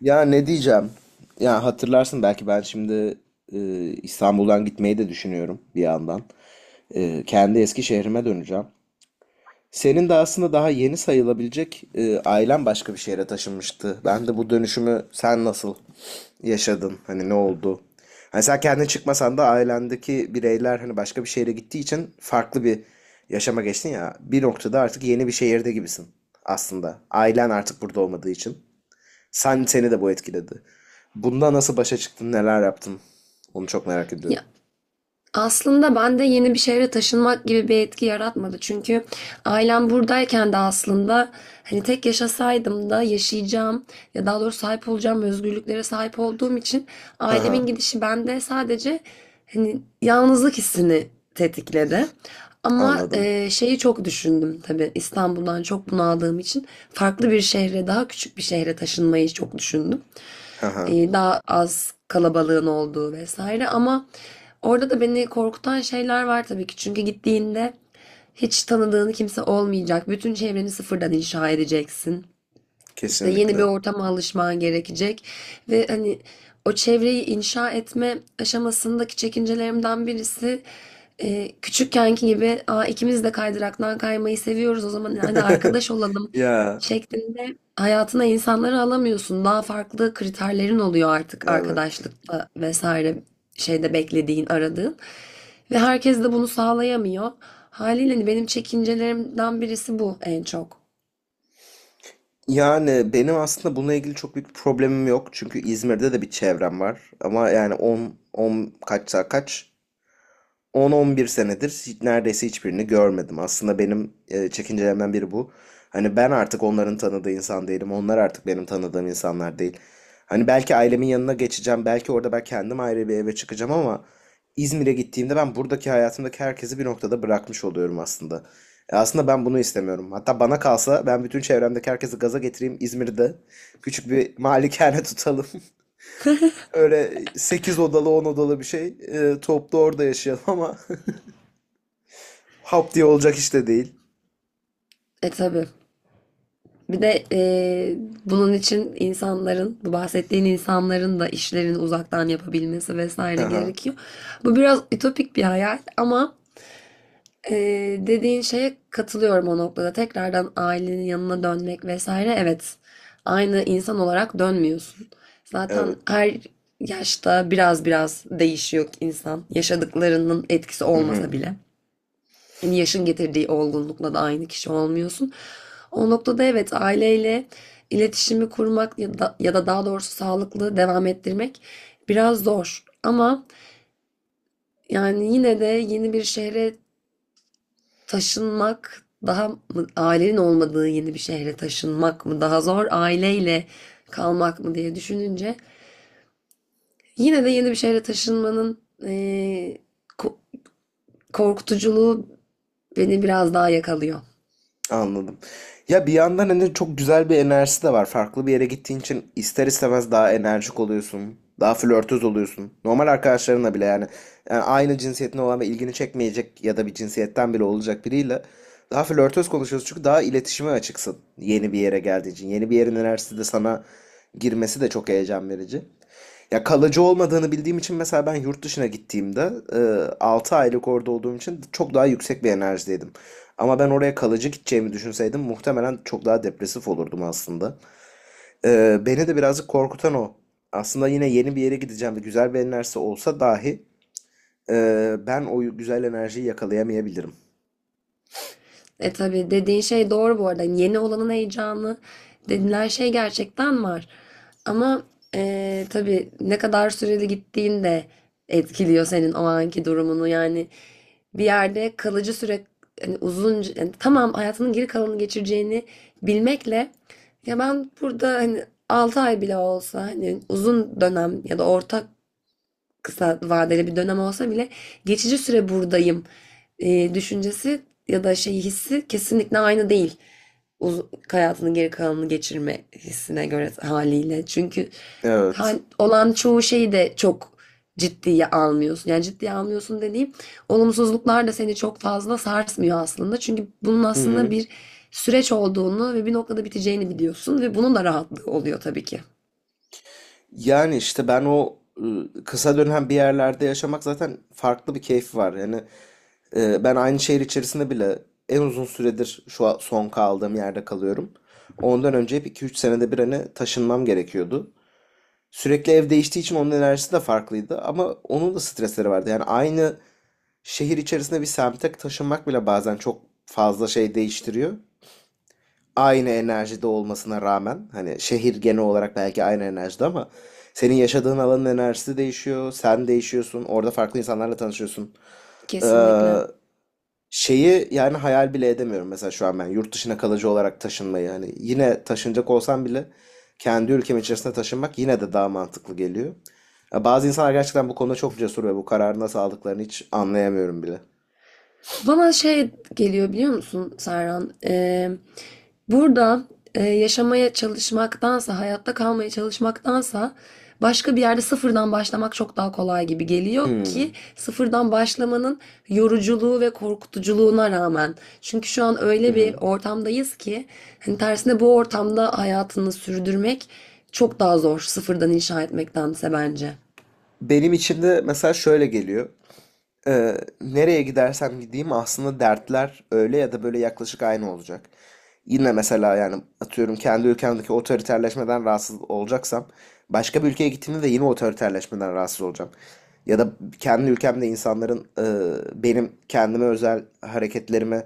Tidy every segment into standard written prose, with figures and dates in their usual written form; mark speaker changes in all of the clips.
Speaker 1: Ya ne diyeceğim? Ya hatırlarsın belki ben şimdi e, İstanbul'dan gitmeyi de düşünüyorum bir yandan. Kendi eski şehrime döneceğim. Senin de aslında daha yeni sayılabilecek ailen başka bir şehre taşınmıştı. Ben de bu dönüşümü sen nasıl yaşadın? Hani ne oldu? Hani sen kendin çıkmasan da ailendeki bireyler hani başka bir şehre gittiği için farklı bir yaşama geçtin ya. Bir noktada artık yeni bir şehirde gibisin aslında. Ailen artık burada olmadığı için. Sen seni de bu etkiledi. Bunda nasıl başa çıktın, neler yaptın? Onu çok merak
Speaker 2: Ya
Speaker 1: ediyorum.
Speaker 2: aslında bende yeni bir şehre taşınmak gibi bir etki yaratmadı. Çünkü ailem buradayken de aslında hani tek yaşasaydım da yaşayacağım ya daha doğrusu sahip olacağım özgürlüklere sahip olduğum için
Speaker 1: Ha ha,
Speaker 2: ailemin gidişi bende sadece hani yalnızlık hissini tetikledi. Ama
Speaker 1: anladım.
Speaker 2: şeyi çok düşündüm tabii, İstanbul'dan çok bunaldığım için farklı bir şehre, daha küçük bir şehre taşınmayı çok düşündüm,
Speaker 1: Ha ha,
Speaker 2: daha az kalabalığın olduğu vesaire. Ama orada da beni korkutan şeyler var tabii ki. Çünkü gittiğinde hiç tanıdığın kimse olmayacak. Bütün çevreni sıfırdan inşa edeceksin. İşte yeni bir
Speaker 1: kesinlikle.
Speaker 2: ortama alışman gerekecek ve hani o çevreyi inşa etme aşamasındaki çekincelerimden birisi, küçükkenki gibi "Aa, ikimiz de kaydıraktan kaymayı seviyoruz, o zaman hadi arkadaş olalım"
Speaker 1: Ya,
Speaker 2: şeklinde hayatına insanları alamıyorsun. Daha farklı kriterlerin oluyor artık
Speaker 1: evet.
Speaker 2: arkadaşlıkta vesaire, şeyde, beklediğin, aradığın. Ve herkes de bunu sağlayamıyor. Haliyle hani benim çekincelerimden birisi bu en çok.
Speaker 1: Yani benim aslında bununla ilgili çok büyük bir problemim yok. Çünkü İzmir'de de bir çevrem var. Ama yani 10 10 kaçsa kaç 10-11 senedir neredeyse hiçbirini görmedim. Aslında benim çekincelerimden biri bu. Hani ben artık onların tanıdığı insan değilim. Onlar artık benim tanıdığım insanlar değil. Hani belki ailemin yanına geçeceğim. Belki orada ben kendim ayrı bir eve çıkacağım ama İzmir'e gittiğimde ben buradaki hayatımdaki herkesi bir noktada bırakmış oluyorum aslında. Aslında ben bunu istemiyorum. Hatta bana kalsa ben bütün çevremdeki herkesi gaza getireyim İzmir'de. Küçük bir malikane tutalım. Öyle 8 odalı 10 odalı bir şey. Toplu orada yaşayalım ama Hop diye olacak işte değil.
Speaker 2: E tabii. Bir de bunun için insanların, bu bahsettiğin insanların da işlerini uzaktan yapabilmesi vesaire
Speaker 1: Aha,
Speaker 2: gerekiyor. Bu biraz ütopik bir hayal, ama dediğin şeye katılıyorum o noktada. Tekrardan ailenin yanına dönmek vesaire, evet. Aynı insan olarak dönmüyorsun. Zaten
Speaker 1: evet.
Speaker 2: her yaşta biraz biraz değişiyor insan. Yaşadıklarının etkisi olmasa
Speaker 1: Mhm,
Speaker 2: bile. Hani yaşın getirdiği olgunlukla da aynı kişi olmuyorsun. O noktada evet, aileyle iletişimi kurmak ya da daha doğrusu sağlıklı devam ettirmek biraz zor. Ama yani yine de yeni bir şehre taşınmak daha mı, ailenin olmadığı yeni bir şehre taşınmak mı daha zor, aileyle kalmak mı diye düşününce yine de yeni bir şehre taşınmanın korkutuculuğu beni biraz daha yakalıyor.
Speaker 1: anladım. Ya bir yandan hani çok güzel bir enerjisi de var. Farklı bir yere gittiğin için ister istemez daha enerjik oluyorsun. Daha flörtöz oluyorsun. Normal arkadaşlarınla bile yani. Yani aynı cinsiyetin olan ve ilgini çekmeyecek ya da bir cinsiyetten bile olacak biriyle daha flörtöz konuşuyorsun çünkü daha iletişime açıksın yeni bir yere geldiğin için. Yeni bir yerin enerjisi de sana girmesi de çok heyecan verici. Ya kalıcı olmadığını bildiğim için mesela ben yurt dışına gittiğimde 6 aylık orada olduğum için çok daha yüksek bir enerjideydim. Ama ben oraya kalıcı gideceğimi düşünseydim muhtemelen çok daha depresif olurdum aslında. Beni de birazcık korkutan o. Aslında yine yeni bir yere gideceğim ve güzel bir enerjisi olsa dahi ben o güzel enerjiyi yakalayamayabilirim.
Speaker 2: E tabii, dediğin şey doğru bu arada. Hani yeni olanın heyecanı denilen şey gerçekten var. Ama tabii ne kadar süreli gittiğin de etkiliyor senin o anki durumunu. Yani bir yerde kalıcı süre, hani uzun, yani tamam, hayatının geri kalanını geçireceğini bilmekle, ya ben burada hani 6 ay bile olsa, hani uzun dönem ya da orta, kısa vadeli bir dönem olsa bile geçici süre buradayım düşüncesi ya da şey hissi kesinlikle aynı değil. Uz- Hayatının geri kalanını geçirme hissine göre haliyle. Çünkü
Speaker 1: Evet.
Speaker 2: olan çoğu şeyi de çok ciddiye almıyorsun. Yani ciddiye almıyorsun dediğim, olumsuzluklar da seni çok fazla sarsmıyor aslında. Çünkü bunun
Speaker 1: Hı
Speaker 2: aslında
Speaker 1: hı.
Speaker 2: bir süreç olduğunu ve bir noktada biteceğini biliyorsun ve bunun da rahatlığı oluyor tabii ki.
Speaker 1: Yani işte ben o kısa dönem bir yerlerde yaşamak zaten farklı bir keyfi var. Yani ben aynı şehir içerisinde bile en uzun süredir şu an son kaldığım yerde kalıyorum. Ondan önce hep iki üç senede bir hani taşınmam gerekiyordu. Sürekli ev değiştiği için onun enerjisi de farklıydı ama onun da stresleri vardı. Yani aynı şehir içerisinde bir semte taşınmak bile bazen çok fazla şey değiştiriyor. Aynı enerjide olmasına rağmen hani şehir genel olarak belki aynı enerjide ama senin yaşadığın alanın enerjisi değişiyor, sen değişiyorsun, orada farklı insanlarla tanışıyorsun. Ee,
Speaker 2: Kesinlikle.
Speaker 1: Şeyi yani hayal bile edemiyorum mesela şu an ben yurt dışına kalıcı olarak taşınmayı hani yine taşınacak olsam bile kendi ülkem içerisinde taşınmak yine de daha mantıklı geliyor. Ya bazı insanlar gerçekten bu konuda çok cesur ve bu kararı nasıl aldıklarını hiç anlayamıyorum bile.
Speaker 2: Bana şey geliyor biliyor musun Serhan? Burada yaşamaya çalışmaktansa, hayatta kalmaya çalışmaktansa başka bir yerde sıfırdan başlamak çok daha kolay gibi geliyor, ki
Speaker 1: Hmm.
Speaker 2: sıfırdan başlamanın yoruculuğu ve korkutuculuğuna rağmen. Çünkü şu an
Speaker 1: Hı
Speaker 2: öyle bir
Speaker 1: hı.
Speaker 2: ortamdayız ki hani tersine, bu ortamda hayatını sürdürmek çok daha zor, sıfırdan inşa etmektense bence.
Speaker 1: Benim içimde mesela şöyle geliyor. Nereye gidersem gideyim aslında dertler öyle ya da böyle yaklaşık aynı olacak. Yine mesela yani atıyorum kendi ülkemdeki otoriterleşmeden rahatsız olacaksam başka bir ülkeye gittiğimde de yine otoriterleşmeden rahatsız olacağım. Ya da kendi ülkemde insanların benim kendime özel hareketlerime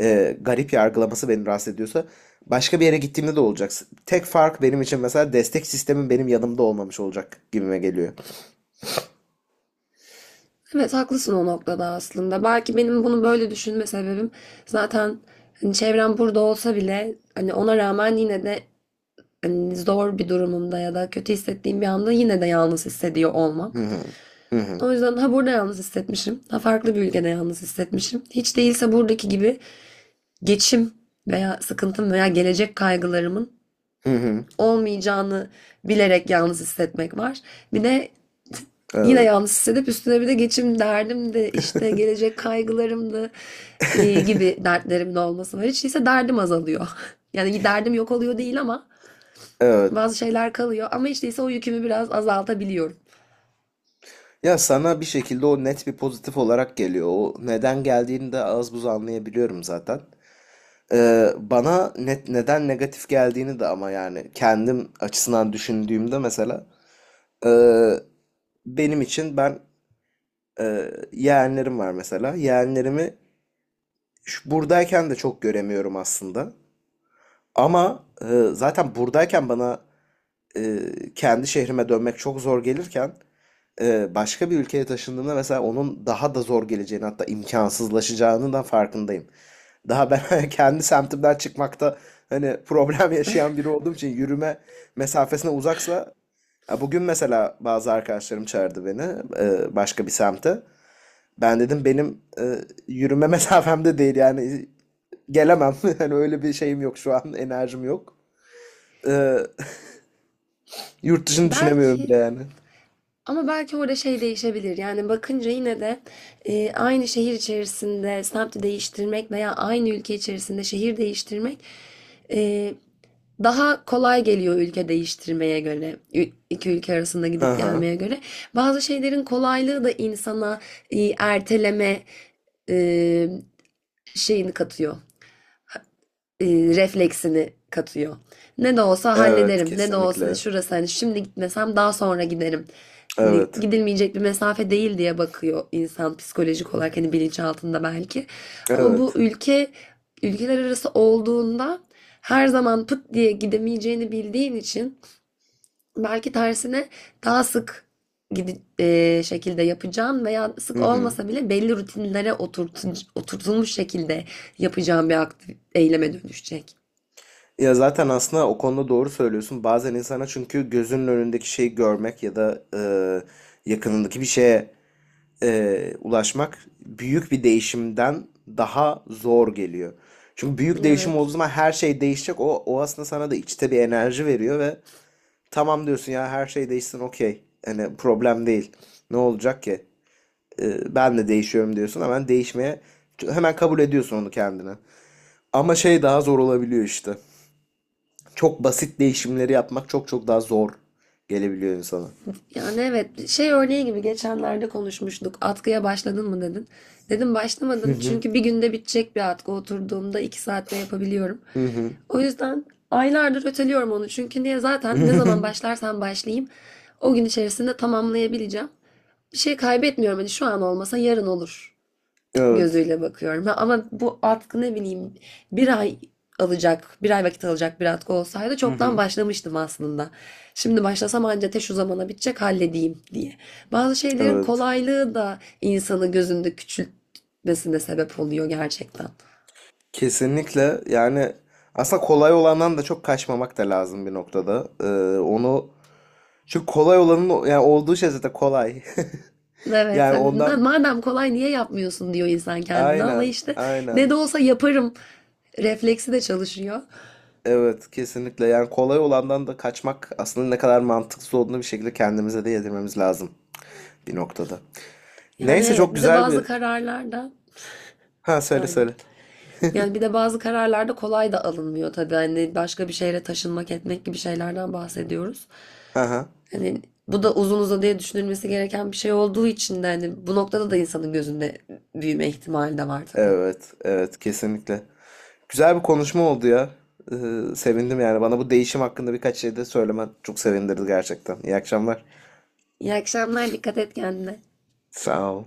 Speaker 1: garip yargılaması beni rahatsız ediyorsa başka bir yere gittiğimde de olacak. Tek fark benim için mesela destek sistemin benim yanımda olmamış olacak gibime geliyor.
Speaker 2: Evet, haklısın o noktada aslında. Belki benim bunu böyle düşünme sebebim zaten hani çevrem burada olsa bile, hani ona rağmen yine de hani zor bir durumumda ya da kötü hissettiğim bir anda yine de yalnız hissediyor olmam.
Speaker 1: Hı hı. Hı hı.
Speaker 2: O yüzden ha burada yalnız hissetmişim, ha farklı bir ülkede yalnız hissetmişim. Hiç değilse buradaki gibi geçim veya sıkıntım veya gelecek kaygılarımın
Speaker 1: Hı hı.
Speaker 2: olmayacağını bilerek yalnız hissetmek var. Bir de yine
Speaker 1: Evet.
Speaker 2: yalnız hissedip üstüne bir de geçim derdim de, işte gelecek kaygılarım da gibi dertlerim de olması var. Hiç değilse derdim azalıyor. Yani derdim yok oluyor değil, ama
Speaker 1: Evet.
Speaker 2: bazı şeyler kalıyor. Ama hiç değilse o yükümü biraz azaltabiliyorum.
Speaker 1: Ya sana bir şekilde o net bir pozitif olarak geliyor. O neden geldiğini de az buz anlayabiliyorum zaten. Bana net neden negatif geldiğini de ama yani kendim açısından düşündüğümde mesela e, benim için ben yeğenlerim var mesela. Yeğenlerimi buradayken de çok göremiyorum aslında. Ama zaten buradayken bana e, kendi şehrime dönmek çok zor gelirken başka bir ülkeye taşındığımda mesela onun daha da zor geleceğini hatta imkansızlaşacağının da farkındayım. Daha ben kendi semtimden çıkmakta hani problem yaşayan biri olduğum için yürüme mesafesine uzaksa ya bugün mesela bazı arkadaşlarım çağırdı beni başka bir semte. Ben dedim benim yürüme mesafemde değil yani gelemem. Hani öyle bir şeyim yok şu an enerjim yok, E, yurt dışını düşünemiyorum
Speaker 2: Belki
Speaker 1: bile yani.
Speaker 2: Ama belki orada şey değişebilir. Yani bakınca yine de aynı şehir içerisinde semti değiştirmek veya aynı ülke içerisinde şehir değiştirmek e, daha kolay geliyor ülke değiştirmeye göre. İki ülke arasında
Speaker 1: Hı
Speaker 2: gidip
Speaker 1: hı.
Speaker 2: gelmeye göre. Bazı şeylerin kolaylığı da insana erteleme e, şeyini katıyor, e, refleksini katıyor. Ne de olsa
Speaker 1: Evet,
Speaker 2: hallederim. Ne de olsa
Speaker 1: kesinlikle.
Speaker 2: şurası, hani şimdi gitmesem daha sonra giderim. Hani
Speaker 1: Evet.
Speaker 2: gidilmeyecek bir mesafe değil diye bakıyor insan psikolojik olarak, hani bilinçaltında belki. Ama bu
Speaker 1: Evet.
Speaker 2: ülkeler arası olduğunda her zaman pıt diye gidemeyeceğini bildiğin için belki tersine daha sık şekilde yapacağın veya
Speaker 1: Hı
Speaker 2: sık
Speaker 1: hı.
Speaker 2: olmasa bile belli rutinlere oturtulmuş şekilde yapacağın bir aktif eyleme dönüşecek.
Speaker 1: Ya zaten aslında o konuda doğru söylüyorsun. Bazen insana çünkü gözünün önündeki şeyi görmek ya da yakınındaki bir şeye ulaşmak büyük bir değişimden daha zor geliyor. Çünkü büyük değişim olduğu
Speaker 2: Evet.
Speaker 1: zaman her şey değişecek. O aslında sana da içte bir enerji veriyor ve tamam diyorsun ya her şey değişsin okey. Hani problem değil. Ne olacak ki? Ben de değişiyorum diyorsun. Hemen değişmeye hemen kabul ediyorsun onu kendine. Ama şey daha zor olabiliyor işte. Çok basit değişimleri yapmak çok çok daha zor gelebiliyor insana.
Speaker 2: Yani evet, şey örneği gibi geçenlerde konuşmuştuk. Atkıya başladın mı dedin. Dedim
Speaker 1: Hı
Speaker 2: başlamadım,
Speaker 1: hı.
Speaker 2: çünkü bir günde bitecek bir atkı, oturduğumda iki saatte yapabiliyorum.
Speaker 1: Hı hı.
Speaker 2: O yüzden aylardır öteliyorum onu, çünkü niye, zaten ne zaman başlarsam başlayayım o gün içerisinde tamamlayabileceğim. Bir şey kaybetmiyorum, hani şu an olmasa yarın olur
Speaker 1: Evet.
Speaker 2: gözüyle bakıyorum. Ha, ama bu atkı ne bileyim bir ay bir ay vakit alacak bir atkı olsaydı
Speaker 1: Hı
Speaker 2: çoktan
Speaker 1: hı.
Speaker 2: başlamıştım aslında. Şimdi başlasam anca te şu zamana bitecek halledeyim diye. Bazı şeylerin
Speaker 1: Evet.
Speaker 2: kolaylığı da insanı gözünde küçültmesine sebep oluyor gerçekten.
Speaker 1: Kesinlikle yani aslında kolay olandan da çok kaçmamak da lazım bir noktada. Onu çünkü kolay olanın yani olduğu şey zaten kolay.
Speaker 2: Evet,
Speaker 1: Yani
Speaker 2: hani
Speaker 1: ondan
Speaker 2: madem kolay niye yapmıyorsun diyor insan kendine ama
Speaker 1: aynen
Speaker 2: işte ne
Speaker 1: aynen.
Speaker 2: de olsa yaparım refleksi de çalışıyor.
Speaker 1: Evet kesinlikle yani kolay olandan da kaçmak aslında ne kadar mantıksız olduğunu bir şekilde kendimize de yedirmemiz lazım bir noktada.
Speaker 2: Yani
Speaker 1: Neyse çok
Speaker 2: evet, bir de
Speaker 1: güzel
Speaker 2: bazı
Speaker 1: bir...
Speaker 2: kararlar da.
Speaker 1: Ha söyle
Speaker 2: Pardon.
Speaker 1: söyle.
Speaker 2: Yani bir de bazı kararlarda kolay da alınmıyor tabii. Hani başka bir şehre taşınmak etmek gibi şeylerden bahsediyoruz.
Speaker 1: Ha ha.
Speaker 2: Hani bu da uzun uzadıya düşünülmesi gereken bir şey olduğu için de, hani bu noktada da insanın gözünde büyüme ihtimali de var tabii.
Speaker 1: Evet evet kesinlikle. Güzel bir konuşma oldu ya. Sevindim yani bana bu değişim hakkında birkaç şey de söylemen çok sevindirdi gerçekten. İyi akşamlar.
Speaker 2: İyi akşamlar, dikkat et kendine.
Speaker 1: Sağ ol.